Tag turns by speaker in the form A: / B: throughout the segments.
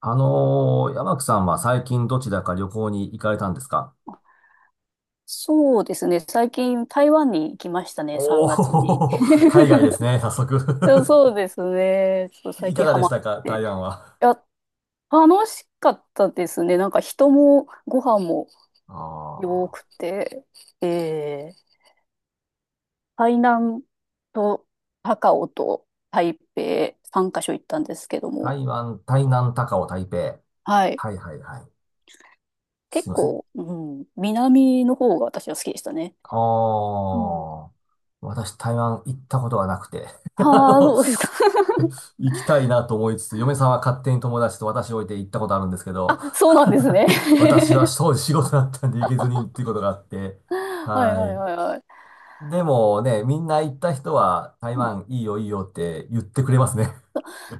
A: 山木さんは最近どちらか旅行に行かれたんですか？
B: そうですね。最近台湾に行きましたね、
A: お
B: 3月に。
A: おー、海 外ですね、早速。
B: そう ですね。ちょっと最
A: いか
B: 近
A: が
B: ハ
A: でし
B: マっ
A: たか、
B: て。
A: 台湾は？
B: いや、楽しかったですね。なんか人もご飯も良
A: ああ、
B: くて、えー、台南と高雄と台北3カ所行ったんですけど
A: 台
B: も、
A: 湾、台南、高雄、台北。
B: はい。
A: はいはいはい。すい
B: 結
A: ません。
B: 構、うん、南の方が私は好きでしたね。
A: あ
B: うん。
A: あ、私台湾行ったことがなくて、 あ
B: ああ、
A: の
B: そうですか。
A: 行きたいなと思いつつ、嫁さんは勝手に友達と私を置いて行ったことあるんですけど、
B: あ、そうなんですね。
A: 私は そう仕事だったんで行けずにっていうことがあって、
B: はいは
A: は
B: い
A: い。
B: はいはい。
A: でもね、みんな行った人は台
B: うん、
A: 湾いいよいいよって言ってくれますね。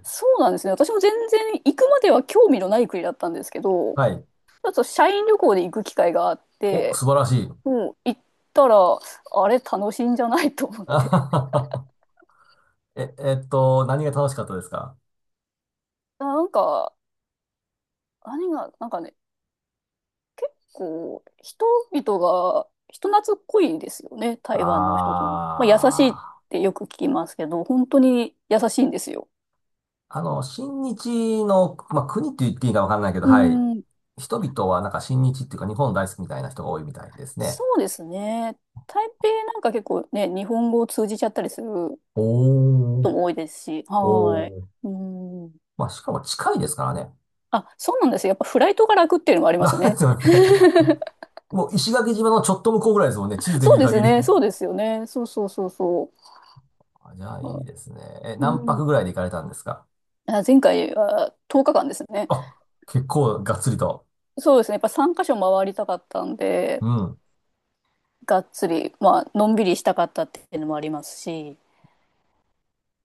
B: そうなんですね。私も全然行くまでは興味のない国だったんですけ ど、ち
A: はい。
B: ょっと社員旅行で行く機会があっ
A: お、
B: て、
A: 素晴らしい。
B: もう行ったら、あれ楽しいんじゃないと思っ
A: あは
B: て。
A: ははえ、何が楽しかったですか？
B: なんか、何が、なんかね、こう、人々が人懐っこいですよね、台湾の人とも。まあ、優しいっ
A: あ
B: てよく聞きますけど、本当に優しいんですよ。
A: あー、親日の、まあ、国って言っていいかわかんないけど、
B: う
A: はい。
B: ん、
A: 人々はなんか親日っていうか日本大好きみたいな人が多いみたいですね。
B: そうですね。台北なんか結構ね、日本語を通じちゃったりする
A: お
B: と
A: ー、
B: も多いですし、は
A: おー。
B: い。うん。
A: まあ、しかも近いですからね。
B: あ、そうなんですよ。やっぱフライトが楽っていうのもあ ります
A: なんで
B: ね。
A: すよね。もう石垣島のちょっと向こうぐらいですもんね。地図 で見
B: そう
A: る
B: です
A: 限り。
B: ね。そうですよね。そうそうそうそ
A: あ、じゃあい
B: う。
A: いですね。え、
B: う
A: 何
B: ん。
A: 泊ぐらいで行かれたんですか？
B: あ、前回は10日間ですね。
A: あ、結構がっつりと。
B: そうですね。やっぱ3カ所回りたかったんで、
A: うん。
B: がっつり、まあ、のんびりしたかったっていうのもありますし、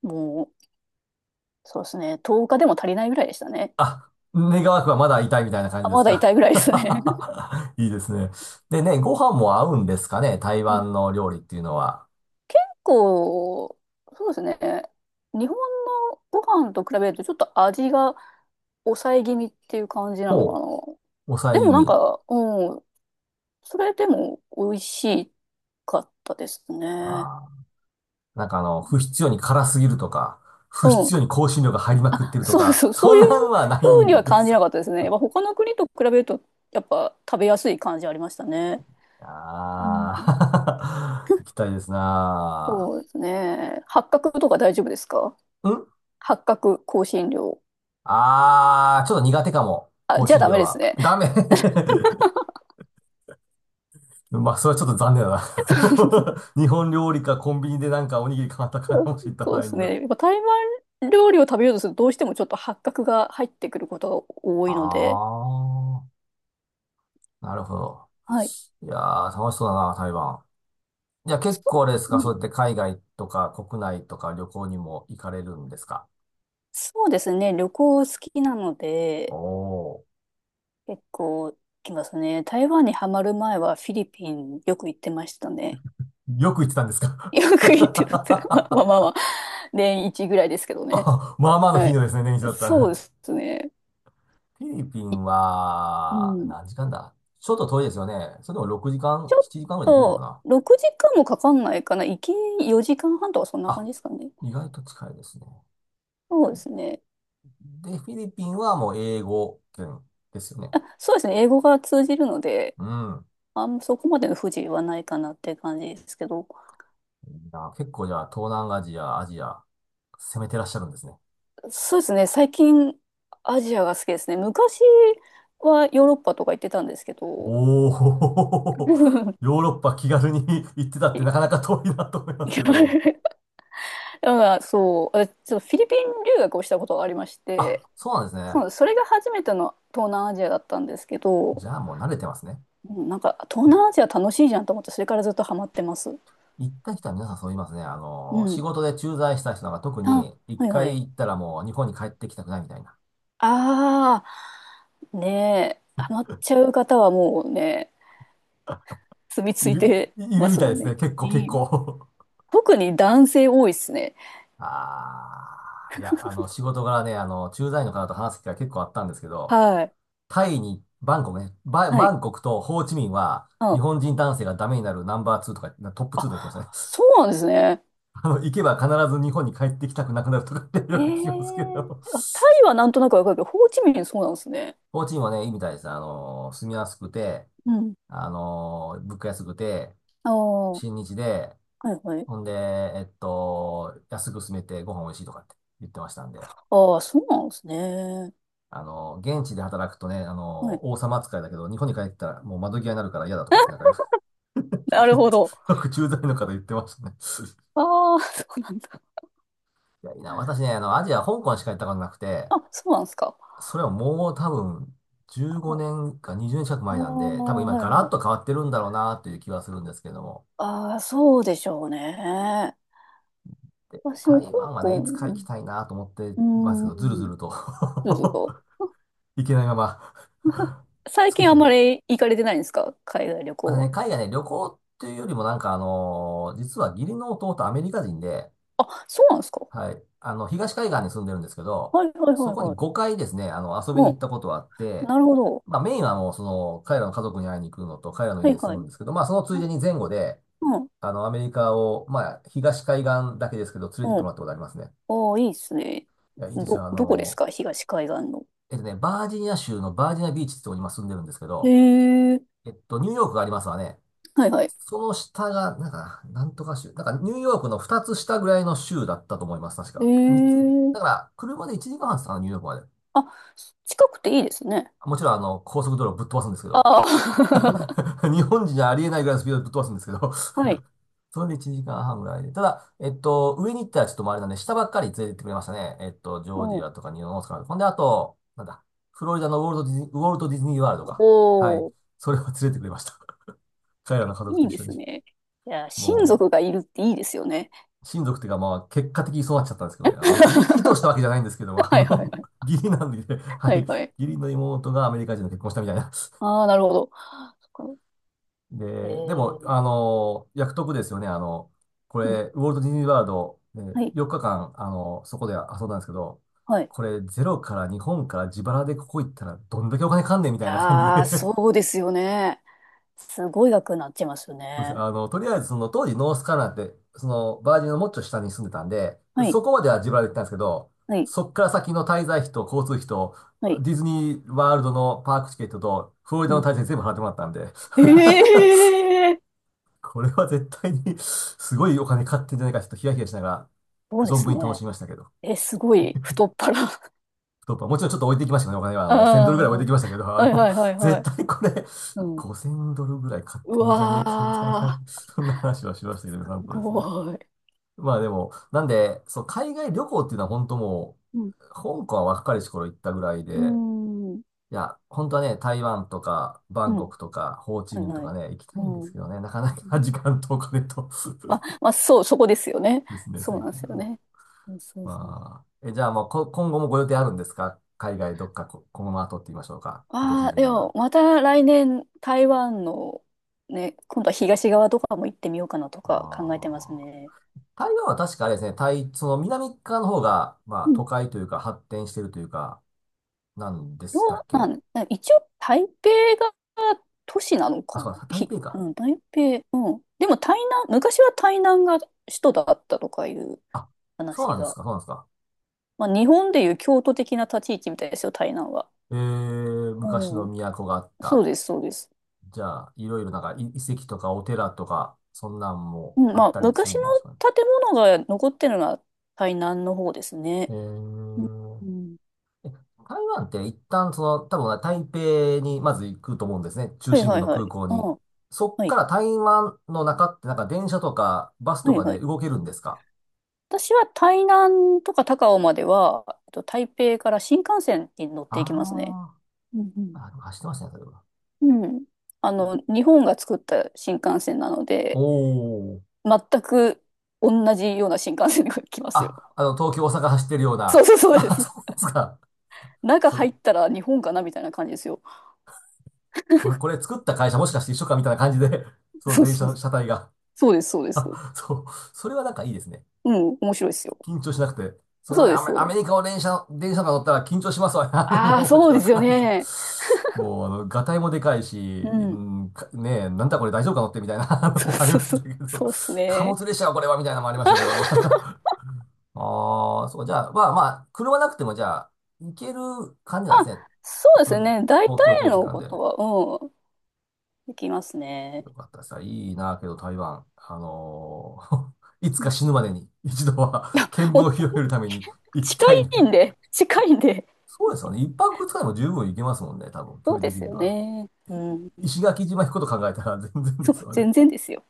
B: もう、そうですね。10日でも足りないぐらいでしたね。
A: あ、願わくはまだ痛いみたいな感じ
B: あ、
A: で
B: ま
A: す
B: だ痛
A: か？
B: いぐらいですね。
A: いいですね。でね、ご飯も合うんですかね、台
B: うん、
A: 湾の料理っていうのは。
B: 結構、そうですね。日本のご飯と比べるとちょっと味が抑え気味っていう感じなのか
A: ほ
B: な。
A: う、抑え
B: で
A: 気
B: もなん
A: 味。
B: か、うん、それでも美味しかったですね。
A: あー、なんか不必要に辛すぎるとか、不
B: う
A: 必
B: ん。
A: 要に香辛料が入りまくって
B: あ、
A: ると
B: そう
A: か、
B: そう、そ
A: そ
B: う
A: ん
B: いう
A: なんはない
B: 風に
A: ん
B: は
A: で
B: 感じ
A: す
B: な
A: か？
B: かったですね。やっぱ他の国と比べると、やっぱ食べやすい感じありましたね。うん、
A: あ、 あー、行きたいですな
B: そうですね。八角とか大丈夫ですか？
A: あ。ん
B: 八角香辛料。
A: あー、ちょっと苦手かも。
B: あ、
A: 香
B: じゃあ
A: 辛
B: ダメ
A: 料
B: です
A: は。
B: ね。
A: ダメ。 まあ、それはちょっと残念だ な。 日本料理かコンビニでなんかおにぎり買ったか
B: そう、
A: もしれた
B: そ
A: 場
B: う
A: 合
B: です
A: には。
B: ね。やっぱ台湾料理を食べようとするとどうしてもちょっと八角が入ってくることが多いので、
A: あー、なるほど。
B: はい。
A: いやー、楽しそうだな、台湾。じゃあ結構
B: そ
A: あれです
B: う、
A: か、
B: う
A: そうや
B: ん、
A: って海外とか国内とか旅行にも行かれるんですか？
B: そうですね。旅行好きなので、
A: お
B: 結構行きますね。台湾にはまる前はフィリピンよく行ってましたね。
A: ー、よく行ってたんです か？
B: よく行ってたって、まあまあまあま あ、年一ぐらいですけどね。
A: あ、まあまあの
B: は
A: 頻
B: い。
A: 度ですね、年一だった
B: そうで
A: ら。
B: すね。
A: フィリピ
B: い、
A: ン
B: う
A: は、
B: ん。
A: 何時間だ、ちょっと遠いですよね。それでも6時間、
B: ち
A: 7
B: ょっ
A: 時間ぐらいできるのか
B: と、
A: な？
B: 6時間もかかんないかな。行き4時間半とかそんな感
A: あ、
B: じですかね。
A: 意外と近いですね。
B: そうですね。
A: で、フィリピンはもう英語圏ですよね。
B: そうですね。英語が通じるので、
A: うん。
B: あんまそこまでの不自由はないかなっていう感じですけど。
A: いいな、結構じゃあ、東南アジア、アジア、攻めてらっしゃるんですね。
B: そうですね。最近、アジアが好きですね。昔はヨーロッパとか行ってたんですけど、
A: おー、
B: だ
A: ヨーロッパ気軽に 行ってたってなかなか遠いなと思いますけど。
B: から そう、私ちょっとフィリピン留学をしたことがありまして、
A: あ、そうなんですね。
B: そう、それが初めての東南アジアだったんですけ
A: じ
B: ど、
A: ゃあもう慣れてますね。
B: うん、なんか東南アジア楽しいじゃんと思って、それからずっとハマってます。
A: 行った人は皆さんそう言いますね。
B: う
A: 仕
B: ん。
A: 事で駐在した人なんか特
B: あ、
A: に一
B: はいは
A: 回行
B: い。
A: ったらもう日本に帰ってきたくないみたいな。
B: ああ、ねえ、ハマっちゃう方はもうね、住み
A: い
B: 着い
A: る、
B: て
A: いる
B: ま
A: み
B: す
A: たい
B: も
A: で
B: ん
A: す
B: ね。
A: ね。結
B: う
A: 構結
B: ん、
A: 構。
B: 特に男性多いっすね。
A: ああ、いや、仕事柄ね、駐在の方と話す機会結構あったんですけど、
B: はい。
A: タイに、バンコクね、
B: は
A: バ
B: い。
A: ンコクとホーチミンは
B: う
A: 日
B: ん、
A: 本人男性がダメになるナンバー2とか、なトップ2と言ってましたね。
B: あ、そ うなんですね。
A: 行けば必ず日本に帰ってきたくなくなるとかって
B: へ
A: よく聞きますけ
B: え。
A: ど、
B: あ、タイはなんとなくわかるけど、ホーチミンそうなんですね。
A: ホーチミンはね、いいみたいです。住みやすくて、
B: うん。
A: あの物価安くて、
B: ああ、は
A: 新日で、
B: いはい。
A: ほんで、安く住めてご飯美味しいとかって言ってましたんで、
B: ああ、そうなんですね。
A: 現地で働くとね、
B: はい。
A: 王様扱いだけど、日本に帰ったらもう窓際になるから嫌だとかってなんか、 言
B: なる
A: っ
B: ほ
A: て、
B: ど。
A: よく駐在の方言ってましたね。
B: ああ、そうなんだ。
A: いや、いいな、私ね、アジア、香港しか行ったことなくて、
B: あ、そうなんですか。
A: それはもう多分、15
B: あ
A: 年か20年近く
B: あー、
A: 前なんで、多分今
B: はい
A: ガラ
B: は
A: ッと変
B: い。
A: わってるんだろうなという気はするんですけども。
B: ああ、そうでしょうね。
A: で、
B: 私も香
A: 台湾はね、い
B: 港、
A: つか行きたいなと思って
B: う
A: ますけ
B: ん、う
A: ど、
B: ー
A: ずるず
B: ん、
A: ると
B: どうぞどうぞ。
A: 行けないまま、
B: 最
A: 月日
B: 近あん
A: が。
B: まり行かれてないんですか海外旅
A: また
B: 行
A: ね、
B: は？
A: 海外ね、旅行っていうよりもなんか実は義理の弟アメリカ人で、
B: あ、そうなんですか。
A: はい、東海岸に住んでるんですけど、
B: はいはい
A: そ
B: はい
A: こに
B: は
A: 5回ですね、遊びに行ったこ
B: い。
A: とはあって、
B: なるほど。
A: まあメインはもうその、彼らの家族に会いに行くのと、彼らの
B: は
A: 家
B: い
A: で
B: は
A: 住む
B: い。
A: んですけど、まあそのつい
B: あ、
A: でに前後で、
B: うん。
A: アメリカを、まあ東海岸だけですけど、連れて行っ
B: う
A: ても
B: ん。
A: らったことありますね。
B: ああ、いいっすね。
A: いや、いいです
B: ど、
A: よ。
B: どこですか東海岸の？
A: ね、バージニア州のバージニアビーチってとこに今住んでるんですけ
B: へ
A: ど、
B: え。
A: ニューヨークがありますわね。
B: はいはい。
A: その下が、なんか、なんとか州。なんか、ニューヨークの2つ下ぐらいの州だったと思います、確
B: へ
A: か。3つ。
B: え。
A: だから、車で1時間半ですかね、ニューヨークまで。
B: あ、近くていいですね。
A: もちろん、高速道路ぶっ飛ばすんですけ
B: あ
A: ど。
B: あ。
A: 日本人じゃありえないぐらいのスピードでぶっ飛ばすんですけど。
B: はい。
A: それで1時間半ぐらいで。ただ、上に行ったらちょっとあれなんで、下ばっかり連れてってくれましたね。ジ
B: う
A: ョージ
B: ん。
A: アとかニューオースカーとか、ほんで、あと、なんだ、フロリダのウォルトディズニー、ウォルトディズニーワールドか。
B: お
A: はい。
B: お、
A: それを連れてくれました。彼らの家族
B: い
A: と
B: い
A: 一
B: で
A: 緒
B: す
A: に。
B: ね。いや、親
A: も
B: 族がいるっていいですよね。
A: う、親族っていうか、まあ、結果的にそうなっちゃったんですけどね。別に意図したわけじゃないんですけど、
B: はいはいはい。
A: 義理なんでね、は
B: は
A: い。
B: い
A: 義
B: はい。
A: 理の妹がアメリカ人と結婚したみたいな。
B: ああ、なるほど。そっか。え
A: で、でも、
B: ー、
A: 約束ですよね。こ
B: うん。
A: れ、ウォルト・ディズニー・ワールド、
B: はい。
A: 4日間、そこで遊んだんですけど、
B: はい。い
A: これ、ゼロから日本から自腹でここ行ったら、どんだけお金かんねんみたいな感じで、
B: や ー、
A: そ
B: そうですよね。すごい額になっちゃいますよ
A: うです。
B: ね。
A: とりあえず、その、当時、ノースカロライナって、その、バージンのもっちょ下に住んでたんで、
B: は
A: そ
B: い、
A: こまでは自腹で行ったんですけど、
B: はい、
A: そっから先の滞在費と交通費と、
B: はい。
A: ディズニーワールドのパークチケットと、フロリダ
B: う
A: の滞
B: ん。
A: 在費全部払ってもらったんで、
B: ええ、
A: これは絶対に すごいお金買ってんじゃないか、ちょっとヒヤヒヤしながら、
B: そうで
A: 存
B: す
A: 分に楽し
B: ね。
A: みましたけど。
B: え、すごい、太っ腹。
A: 太っ腹もちろんちょっと置いていきましたけどね、お金は。
B: あ
A: 1000ドルぐらい置いていきましたけど、
B: あ、はいはいは いは
A: 絶
B: い。
A: 対これ、
B: うん。
A: 5000ドルぐらい買っ
B: う
A: てるんじゃねえか、みたいな、
B: わ
A: そんな話はしましたけど、
B: ー、
A: なん
B: す
A: とですね。
B: ごい。
A: まあでも、なんで、そう、海外旅行っていうのは本当も
B: うん。
A: う、香港は若い頃行ったぐらい
B: う
A: で、
B: ーん。
A: いや、本当はね、台湾とか、バ
B: う
A: ンコ
B: ん。
A: クとか、ホーチ
B: はい
A: ミンと
B: は
A: か
B: い。
A: ね、行きた
B: う
A: いんです
B: ん。
A: けどね、なかなか時間とお金と。
B: ま、まあ、そう、そこですよね。
A: ですね、さ
B: そ
A: っ
B: うなんで
A: き
B: すよ
A: が。
B: ね。うん、そうそう。
A: まあ、え、じゃあもうこ、今後もご予定あるんですか、海外どっか、この後って言いましょうか。今年
B: ああ、
A: 中
B: で
A: には。
B: も、また来年、台湾の、ね、今度は東側とかも行ってみようかなとか考えてます
A: ああ。
B: ね。
A: 台湾は確かあれですね、台、その南側の方が、まあ都会というか発展してるというか、なんで
B: どう
A: したっけ？
B: なん、一応台北が都市なの
A: あ、
B: か
A: そう
B: な、
A: だ、台
B: ひ、
A: 北
B: う
A: か。
B: ん、台北、うん。でも台南、昔は台南が首都だったとかいう
A: あ、そうな
B: 話
A: んです
B: が。
A: か、そうなんですか。
B: まあ日本でいう京都的な立ち位置みたいですよ、台南は。
A: えー、昔
B: う
A: の
B: ん。
A: 都があっ
B: そう
A: た。
B: です、そうです。
A: じゃあ、いろいろなんかい遺跡とかお寺とか、そんなんも
B: うん、
A: あ
B: ま
A: っ
B: あ
A: たりする
B: 昔の
A: んでしょうかね。
B: 建物が残ってるのは台南の方です
A: え
B: ね。うん、
A: ー
B: うん、
A: 台湾って一旦その、多分台北にまず行くと思うんですね。中
B: はい
A: 心部
B: はい
A: の
B: は
A: 空
B: い。
A: 港
B: あ
A: に。
B: あ、
A: そっ
B: は
A: か
B: い。
A: ら台湾の中ってなんか電車とかバス
B: は
A: と
B: い
A: か
B: は
A: で
B: い。
A: 動けるんですか？
B: 私は台南とか高雄までは、えっと台北から新幹線に乗っていきますね。
A: あ
B: うん、うん。
A: ーあ、でも走ってましたね、それは。
B: うん、あの、日本が作った新幹線なの
A: お
B: で、
A: ー。
B: 全く同じような新幹線が来ますよ。
A: あ、東京、大阪走ってるよう
B: そう
A: な。
B: そうそうで
A: あ、
B: す。
A: そうですか。
B: 中
A: それ、
B: 入ったら日本かなみたいな感じですよ。
A: これ作った会社もしかして一緒かみたいな感じで、その
B: そう
A: 電車
B: そう。
A: の車体が。
B: そうです、そうです。
A: そう。それはなんかいいですね。
B: うん、面白いですよ。
A: 緊張しなくて。その
B: そう
A: ね、
B: で
A: ア
B: す、
A: メ、
B: そう
A: ア
B: で
A: メリ
B: す。
A: カを電車、電車とか乗ったら緊張しますわね。
B: ああ、
A: もうわ
B: そ
A: け
B: うで
A: わ
B: す
A: か
B: よ
A: らん。
B: ね。
A: もう、ガタイもでかいし、
B: う
A: う
B: ん。
A: んかねえ、なんだこれ大丈夫か乗ってみたいな、 あの
B: そう
A: もあり
B: そう
A: まし
B: そ
A: た
B: う。
A: けど、
B: そうっす
A: 貨
B: ね。
A: 物列車はこれはみたいなのもありましたけど。ああ、そう、じゃあ、まあまあ、車なくてもじゃあ、行ける感じ
B: あ、
A: なんですね。
B: そう
A: 普
B: で
A: 通
B: す
A: に、
B: ね。大体
A: 公共交通機
B: の
A: 関
B: こ
A: で。よ
B: とは、うん、できますね。
A: かったさ、いいな、けど台湾、いつ
B: う
A: か
B: ん、
A: 死ぬまでに一度は見聞
B: も う
A: を広げるために 行き
B: 近
A: たい
B: い
A: な。
B: んで、近いんで。
A: そうですよね。一泊二日でも十分行けますもんね、多分、距
B: そう
A: 離
B: で
A: 的
B: す
A: に
B: よ
A: は。
B: ね。うん。
A: 石垣島行くこと考えたら全然で
B: そ
A: す
B: う、
A: よね。
B: 全然ですよ。